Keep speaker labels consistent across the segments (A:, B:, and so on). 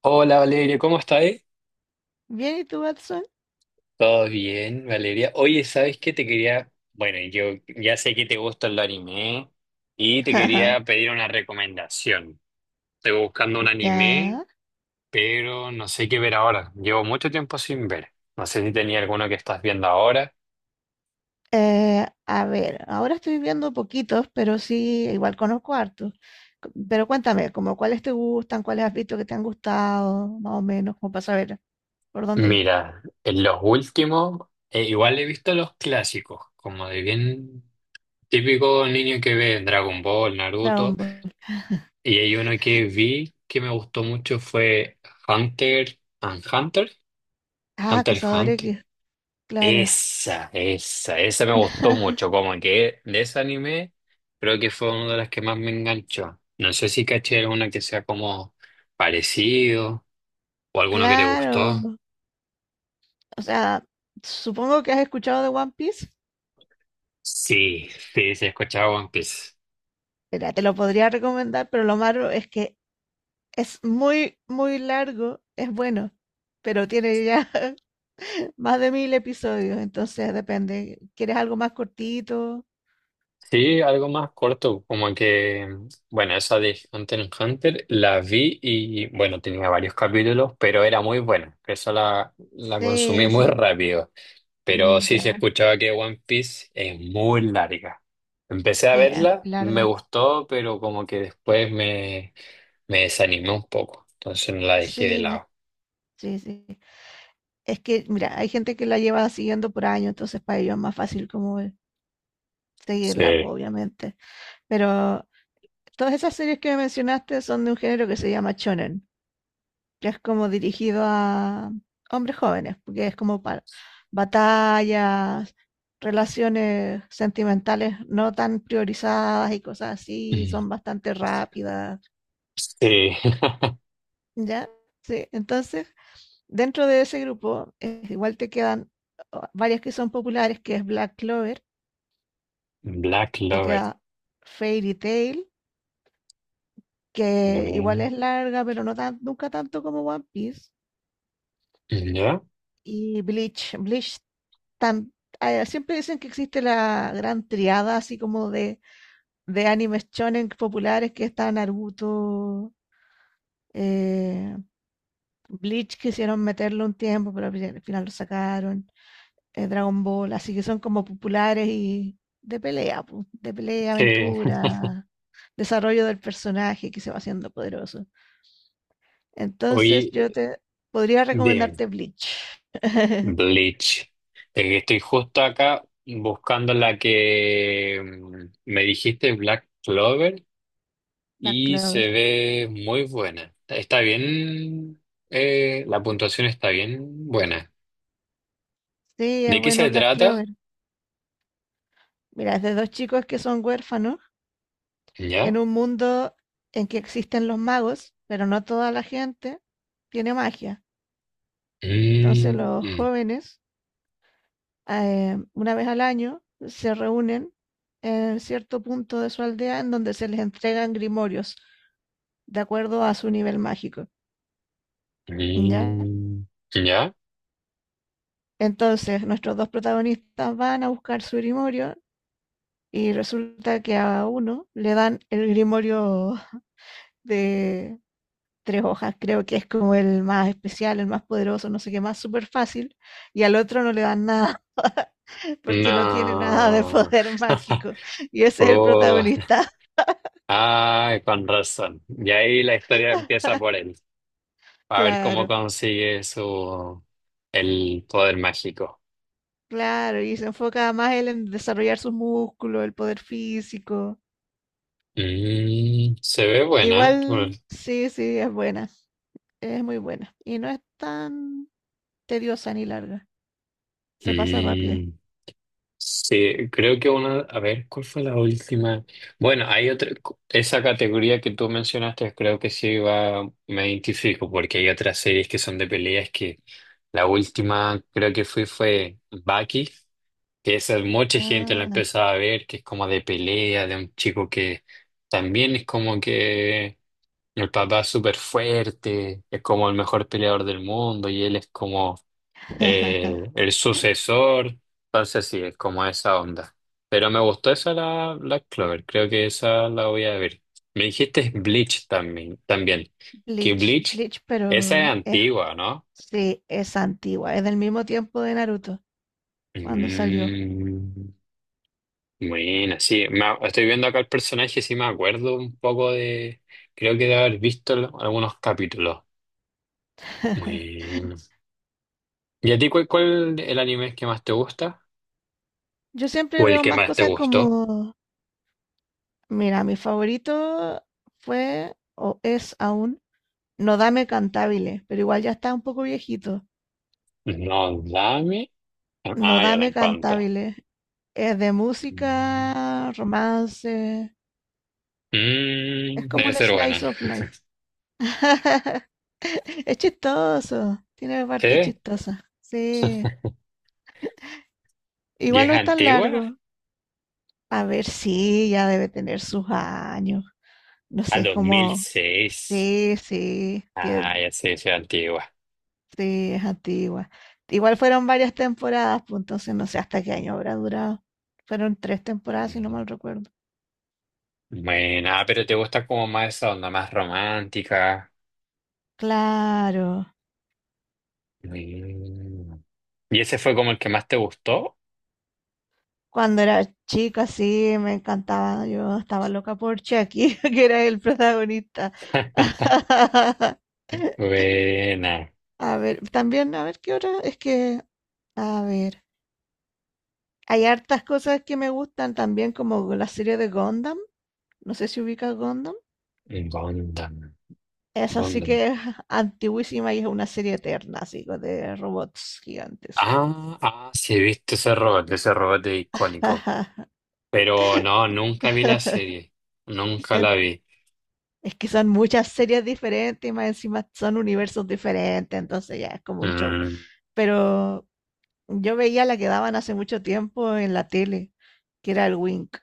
A: Hola, Valeria, ¿cómo estás?
B: Bien, ¿y tú, Watson?
A: Todo bien, Valeria. Oye, ¿sabes qué te quería? Bueno, yo ya sé que te gusta el anime y te quería pedir una recomendación. Estoy buscando un anime,
B: Ya.
A: pero no sé qué ver ahora. Llevo mucho tiempo sin ver. No sé si tenía alguno que estás viendo ahora.
B: Ahora estoy viendo poquitos, pero sí, igual conozco hartos. Pero cuéntame, como cuáles te gustan, cuáles has visto que te han gustado, más o menos, como para saber por dónde ir.
A: Mira, en los últimos, igual he visto los clásicos, como de bien típico niño que ve Dragon Ball,
B: Dragon
A: Naruto.
B: Ball.
A: Y hay uno que vi que me gustó mucho fue Hunter and Hunter.
B: Ah,
A: Hunter x
B: Cazador
A: Hunter.
B: X, claro,
A: Esa me gustó mucho. Como que de ese anime creo que fue una de las que más me enganchó. No sé si caché alguna que sea como parecido o alguno que te
B: claro.
A: gustó.
B: O sea, supongo que has escuchado de One Piece.
A: Sí, sí, sí, he escuchado One Piece.
B: Mira, te lo podría recomendar, pero lo malo es que es muy, muy largo, es bueno, pero tiene ya más de 1000 episodios, entonces depende. ¿Quieres algo más cortito?
A: Sí, algo más corto, como que, bueno, esa de Hunter x Hunter la vi y, bueno, tenía varios capítulos, pero era muy buena, esa la consumí
B: Sí,
A: muy
B: sí,
A: rápido, pero
B: mm,
A: sí se
B: ya,
A: escuchaba que One Piece es muy larga. Empecé a
B: sí, ah,
A: verla, me
B: larga.
A: gustó, pero como que después me desanimé un poco, entonces no la dejé de
B: Sí,
A: lado.
B: sí, sí. Es que, mira, hay gente que la lleva siguiendo por años, entonces para ellos es más fácil como seguirla,
A: Sí.
B: obviamente. Pero todas esas series que me mencionaste son de un género que se llama shonen, que es como dirigido a hombres jóvenes, porque es como para batallas, relaciones sentimentales no tan priorizadas y cosas así,
A: Mm.
B: son bastante rápidas,
A: Sí.
B: ¿ya? Sí, entonces, dentro de ese grupo, igual te quedan oh, varias que son populares, que es Black Clover,
A: Black
B: te
A: Lover.
B: queda Fairy Tail,
A: A
B: que
A: ver,
B: igual es larga, pero no tan, nunca tanto como One Piece.
A: ¿ya?
B: Y Bleach, tan- ah, siempre dicen que existe la gran triada así como de animes shonen populares que está Naruto, eh, Bleach quisieron meterlo un tiempo, pero al final lo sacaron, Dragon Ball, así que son como populares y de pelea, de pelea,
A: Sí.
B: aventura, desarrollo del personaje que se va haciendo poderoso. Entonces
A: Oye,
B: yo te podría
A: dime.
B: recomendarte Bleach.
A: Bleach. Estoy justo acá buscando la que me dijiste, Black Clover,
B: Black
A: y
B: Clover.
A: se ve muy buena. Está bien, la puntuación está bien buena.
B: Sí, es
A: ¿De qué
B: bueno
A: se
B: Black
A: trata?
B: Clover. Mira, es de dos chicos que son huérfanos
A: ¿Ya?
B: en un mundo en que existen los magos, pero no toda la gente tiene magia. Entonces
A: Mm,
B: los
A: mm,
B: jóvenes, una vez al año, se reúnen en cierto punto de su aldea en donde se les entregan grimorios de acuerdo a su nivel mágico. ¿Ya?
A: mm, ¿ya?
B: Entonces nuestros dos protagonistas van a buscar su grimorio y resulta que a uno le dan el grimorio de tres hojas, creo que es como el más especial, el más poderoso, no sé qué más, súper fácil, y al otro no le dan nada porque no tiene nada de
A: No.
B: poder mágico. Y ese es el
A: Oh,
B: protagonista.
A: ay, con razón. Y ahí la historia empieza por él. A ver cómo
B: Claro,
A: consigue su el poder mágico.
B: claro, y se enfoca más él en desarrollar sus músculos, el poder físico.
A: Mm, se ve buena.
B: Igual, sí, sí, es buena, es muy buena. Y no es tan tediosa ni larga, se pasa rápido.
A: Mm, sí, creo que una. A ver, ¿cuál fue la última? Bueno, hay otra. Esa categoría que tú mencionaste, creo que sí va, me identifico, porque hay otras series que son de peleas que la última creo que fui fue Baki, que esa mucha gente la
B: Ah,
A: empezaba a ver, que es como de pelea, de un chico que también es como que el papá es súper fuerte, es como el mejor peleador del mundo y él es como eh, el sucesor. Entonces sí, es como esa onda. Pero me gustó esa la Black Clover, creo que esa la voy a ver. Me dijiste Bleach también, también. Que
B: Bleach,
A: Bleach,
B: Bleach,
A: esa es
B: pero es...
A: antigua, ¿no?
B: Sí, es antigua, es del mismo tiempo de Naruto, cuando salió.
A: Mm, buena, sí. Estoy viendo acá el personaje, sí me acuerdo un poco de... Creo que de haber visto algunos capítulos. Bueno. ¿Y a ti cuál el anime que más te gusta?
B: Yo siempre
A: ¿O el
B: veo
A: que
B: más
A: más te
B: cosas
A: gustó?
B: como, mira, mi favorito fue o es aún Nodame Cantabile, pero igual ya está un poco viejito.
A: No, dame. Ah, ya la
B: Nodame
A: encontré.
B: Cantabile es de
A: Mm.
B: música, romance,
A: Mm,
B: es como
A: debe
B: un
A: ser buena.
B: slice of life. Es chistoso, tiene parte
A: ¿Sí?
B: chistosa. Sí,
A: ¿Y
B: igual
A: es
B: no es tan
A: antigua?
B: largo. A ver, sí, ya debe tener sus años. No
A: A
B: sé, es
A: dos mil
B: como,
A: seis.
B: sí,
A: Ah, ya sé, sí, es antigua.
B: sí, es antigua. Igual fueron varias temporadas, pues entonces no sé hasta qué año habrá durado. Fueron tres temporadas, si no
A: Mm.
B: mal recuerdo.
A: Bueno, ah, pero te gusta como más esa onda más romántica.
B: Claro,
A: Mm. ¿Y ese fue como el que más te gustó?
B: cuando era chica, sí, me encantaba. Yo estaba loca por Chucky, que era el protagonista.
A: Buena.
B: A ver, también, a ver qué hora. Es que, a ver, hay hartas cosas que me gustan también, como la serie de Gundam. No sé si ubicas Gundam.
A: Gundam.
B: Esa sí que
A: Gundam.
B: es antiguísima y es una serie eterna, así, de robots gigantes.
A: Ah, ah, sí, he visto ese robot es icónico. Pero no, nunca vi la serie. Nunca
B: En-
A: la vi.
B: Es que son muchas series diferentes y más encima son universos diferentes, entonces ya es como un show.
A: Mm.
B: Pero yo veía la que daban hace mucho tiempo en la tele, que era el Wink.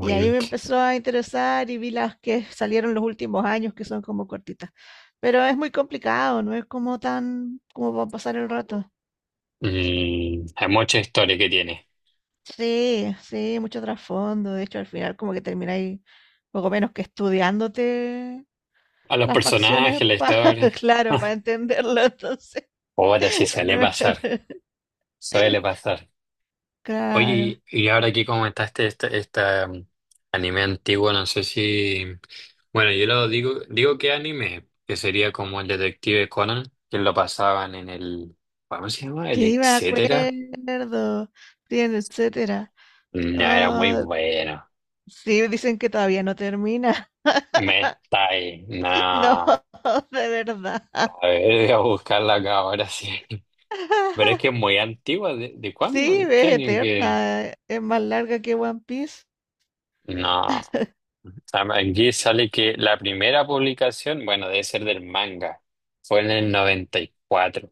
B: Y ahí me empezó a interesar y vi las que salieron los últimos años, que son como cortitas. Pero es muy complicado, no es como tan como para pasar el rato.
A: Mm, hay mucha historia que tiene.
B: Sí, sí, mucho trasfondo. De hecho, al final como que termináis poco menos que estudiándote
A: A los
B: las facciones
A: personajes, la
B: para,
A: historia.
B: claro, para entenderlo. Entonces,
A: Ahora sí suele
B: no.
A: pasar. Suele pasar.
B: Claro.
A: Oye, y ahora que comentaste este anime antiguo, no sé si... Bueno, yo lo digo, digo que anime, que sería como el Detective Conan, que lo pasaban en el... ¿Cómo se llama? El
B: Sí, me
A: etcétera.
B: acuerdo. Bien, etcétera.
A: No, era muy
B: Oh,
A: bueno.
B: sí, dicen que todavía no termina.
A: Me está ahí. No,
B: No,
A: a
B: de verdad.
A: ver, voy a buscarla acá ahora, sí. Pero es que es muy antigua. ¿De cuándo?
B: Sí,
A: ¿En qué
B: es
A: año que...?
B: eterna. Es más larga que One Piece.
A: No. Aquí sale que la primera publicación, bueno, debe ser del manga, fue en el 94.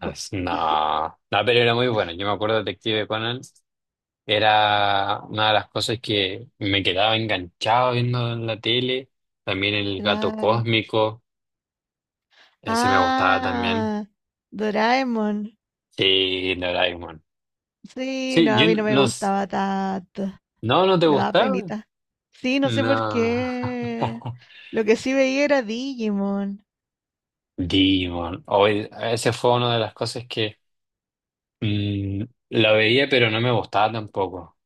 A: No, no, pero era muy bueno. Yo me acuerdo de Detective Conan, era una de las cosas que me quedaba enganchado viendo en la tele. También el gato
B: Claro.
A: cósmico, ese me gustaba también.
B: Ah, Doraemon.
A: Sí, Doraemon.
B: Sí, no,
A: Sí,
B: a
A: yo
B: mí no me
A: no,
B: gustaba tanto.
A: no, no te
B: Me daba
A: gustaba.
B: penita. Sí, no sé por
A: No.
B: qué. Lo que sí veía era Digimon.
A: Demon. Hoy, ese fue una de las cosas que. Mm, la veía, pero no me gustaba tampoco.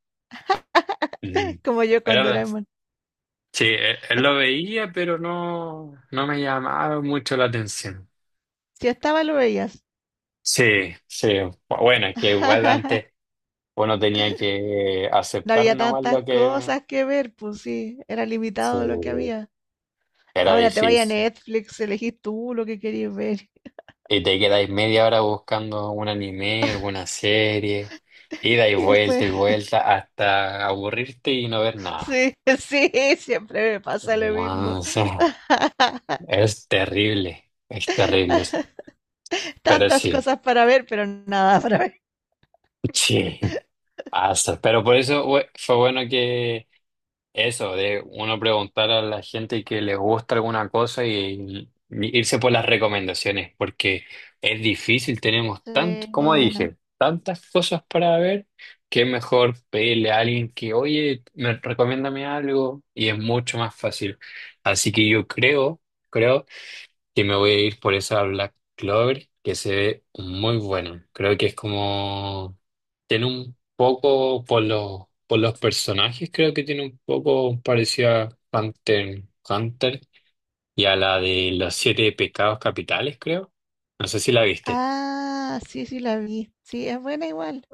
A: Mm.
B: Como yo con
A: Era la-
B: Doraemon.
A: Sí, él lo veía, pero no, no me llamaba mucho la atención.
B: Si estaba, lo veías.
A: Sí, sí. Bueno, es que igual antes uno tenía que
B: No
A: aceptar
B: había
A: nomás
B: tantas
A: lo que...
B: cosas que ver, pues sí. Era
A: Sí,
B: limitado lo que había.
A: era
B: Ahora te vaya a
A: difícil.
B: Netflix, elegís tú lo que querías ver.
A: Y te quedáis media hora buscando un anime, alguna serie, y dais
B: Y
A: vuelta
B: después,
A: y vuelta hasta aburrirte y no ver nada.
B: sí, sí, siempre me pasa lo mismo.
A: No sé. Es terrible, pero
B: Tantas
A: sí,
B: cosas para ver, pero nada para ver.
A: sí, pasa. Pero por eso fue bueno que eso, de uno preguntar a la gente que le gusta alguna cosa y irse por las recomendaciones, porque es difícil, tenemos como
B: Sí.
A: dije, tantas cosas para ver, que es mejor pedirle a alguien que, oye, me recomiéndame algo, y es mucho más fácil. Así que yo creo, creo, que me voy a ir por esa Black Clover, que se ve muy buena. Creo que es como, tiene un poco, por los personajes, creo que tiene un poco parecido a Hunter, Hunter y a la de los siete pecados capitales, creo. No sé si la viste.
B: Ah, sí, sí la vi. Sí, es buena igual.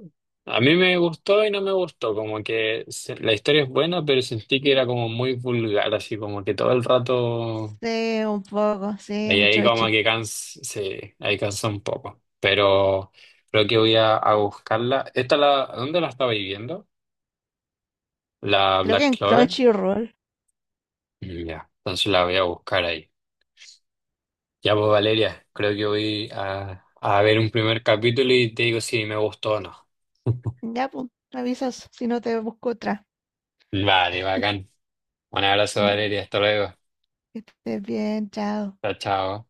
A: A mí me gustó y no me gustó, como que la historia es buena, pero sentí que era como muy vulgar, así como que todo el rato.
B: Sí, un poco, sí,
A: Y
B: mucho
A: ahí como
B: echi.
A: que cansa, sí, ahí cansa un poco. Pero creo que voy a buscarla. ¿Esta la, dónde la estaba viviendo? ¿La
B: Creo que
A: Black
B: en
A: Clover?
B: Crunchyroll.
A: Mm, ya, entonces la voy a buscar ahí. Ya pues Valeria, creo que voy a ver un primer capítulo y te digo si me gustó o no.
B: Ya, pues, me avisas si no te busco otra.
A: Vale, bacán. Un abrazo
B: Ya,
A: Valeria, hasta luego.
B: que estés bien, chao.
A: Chao, chao.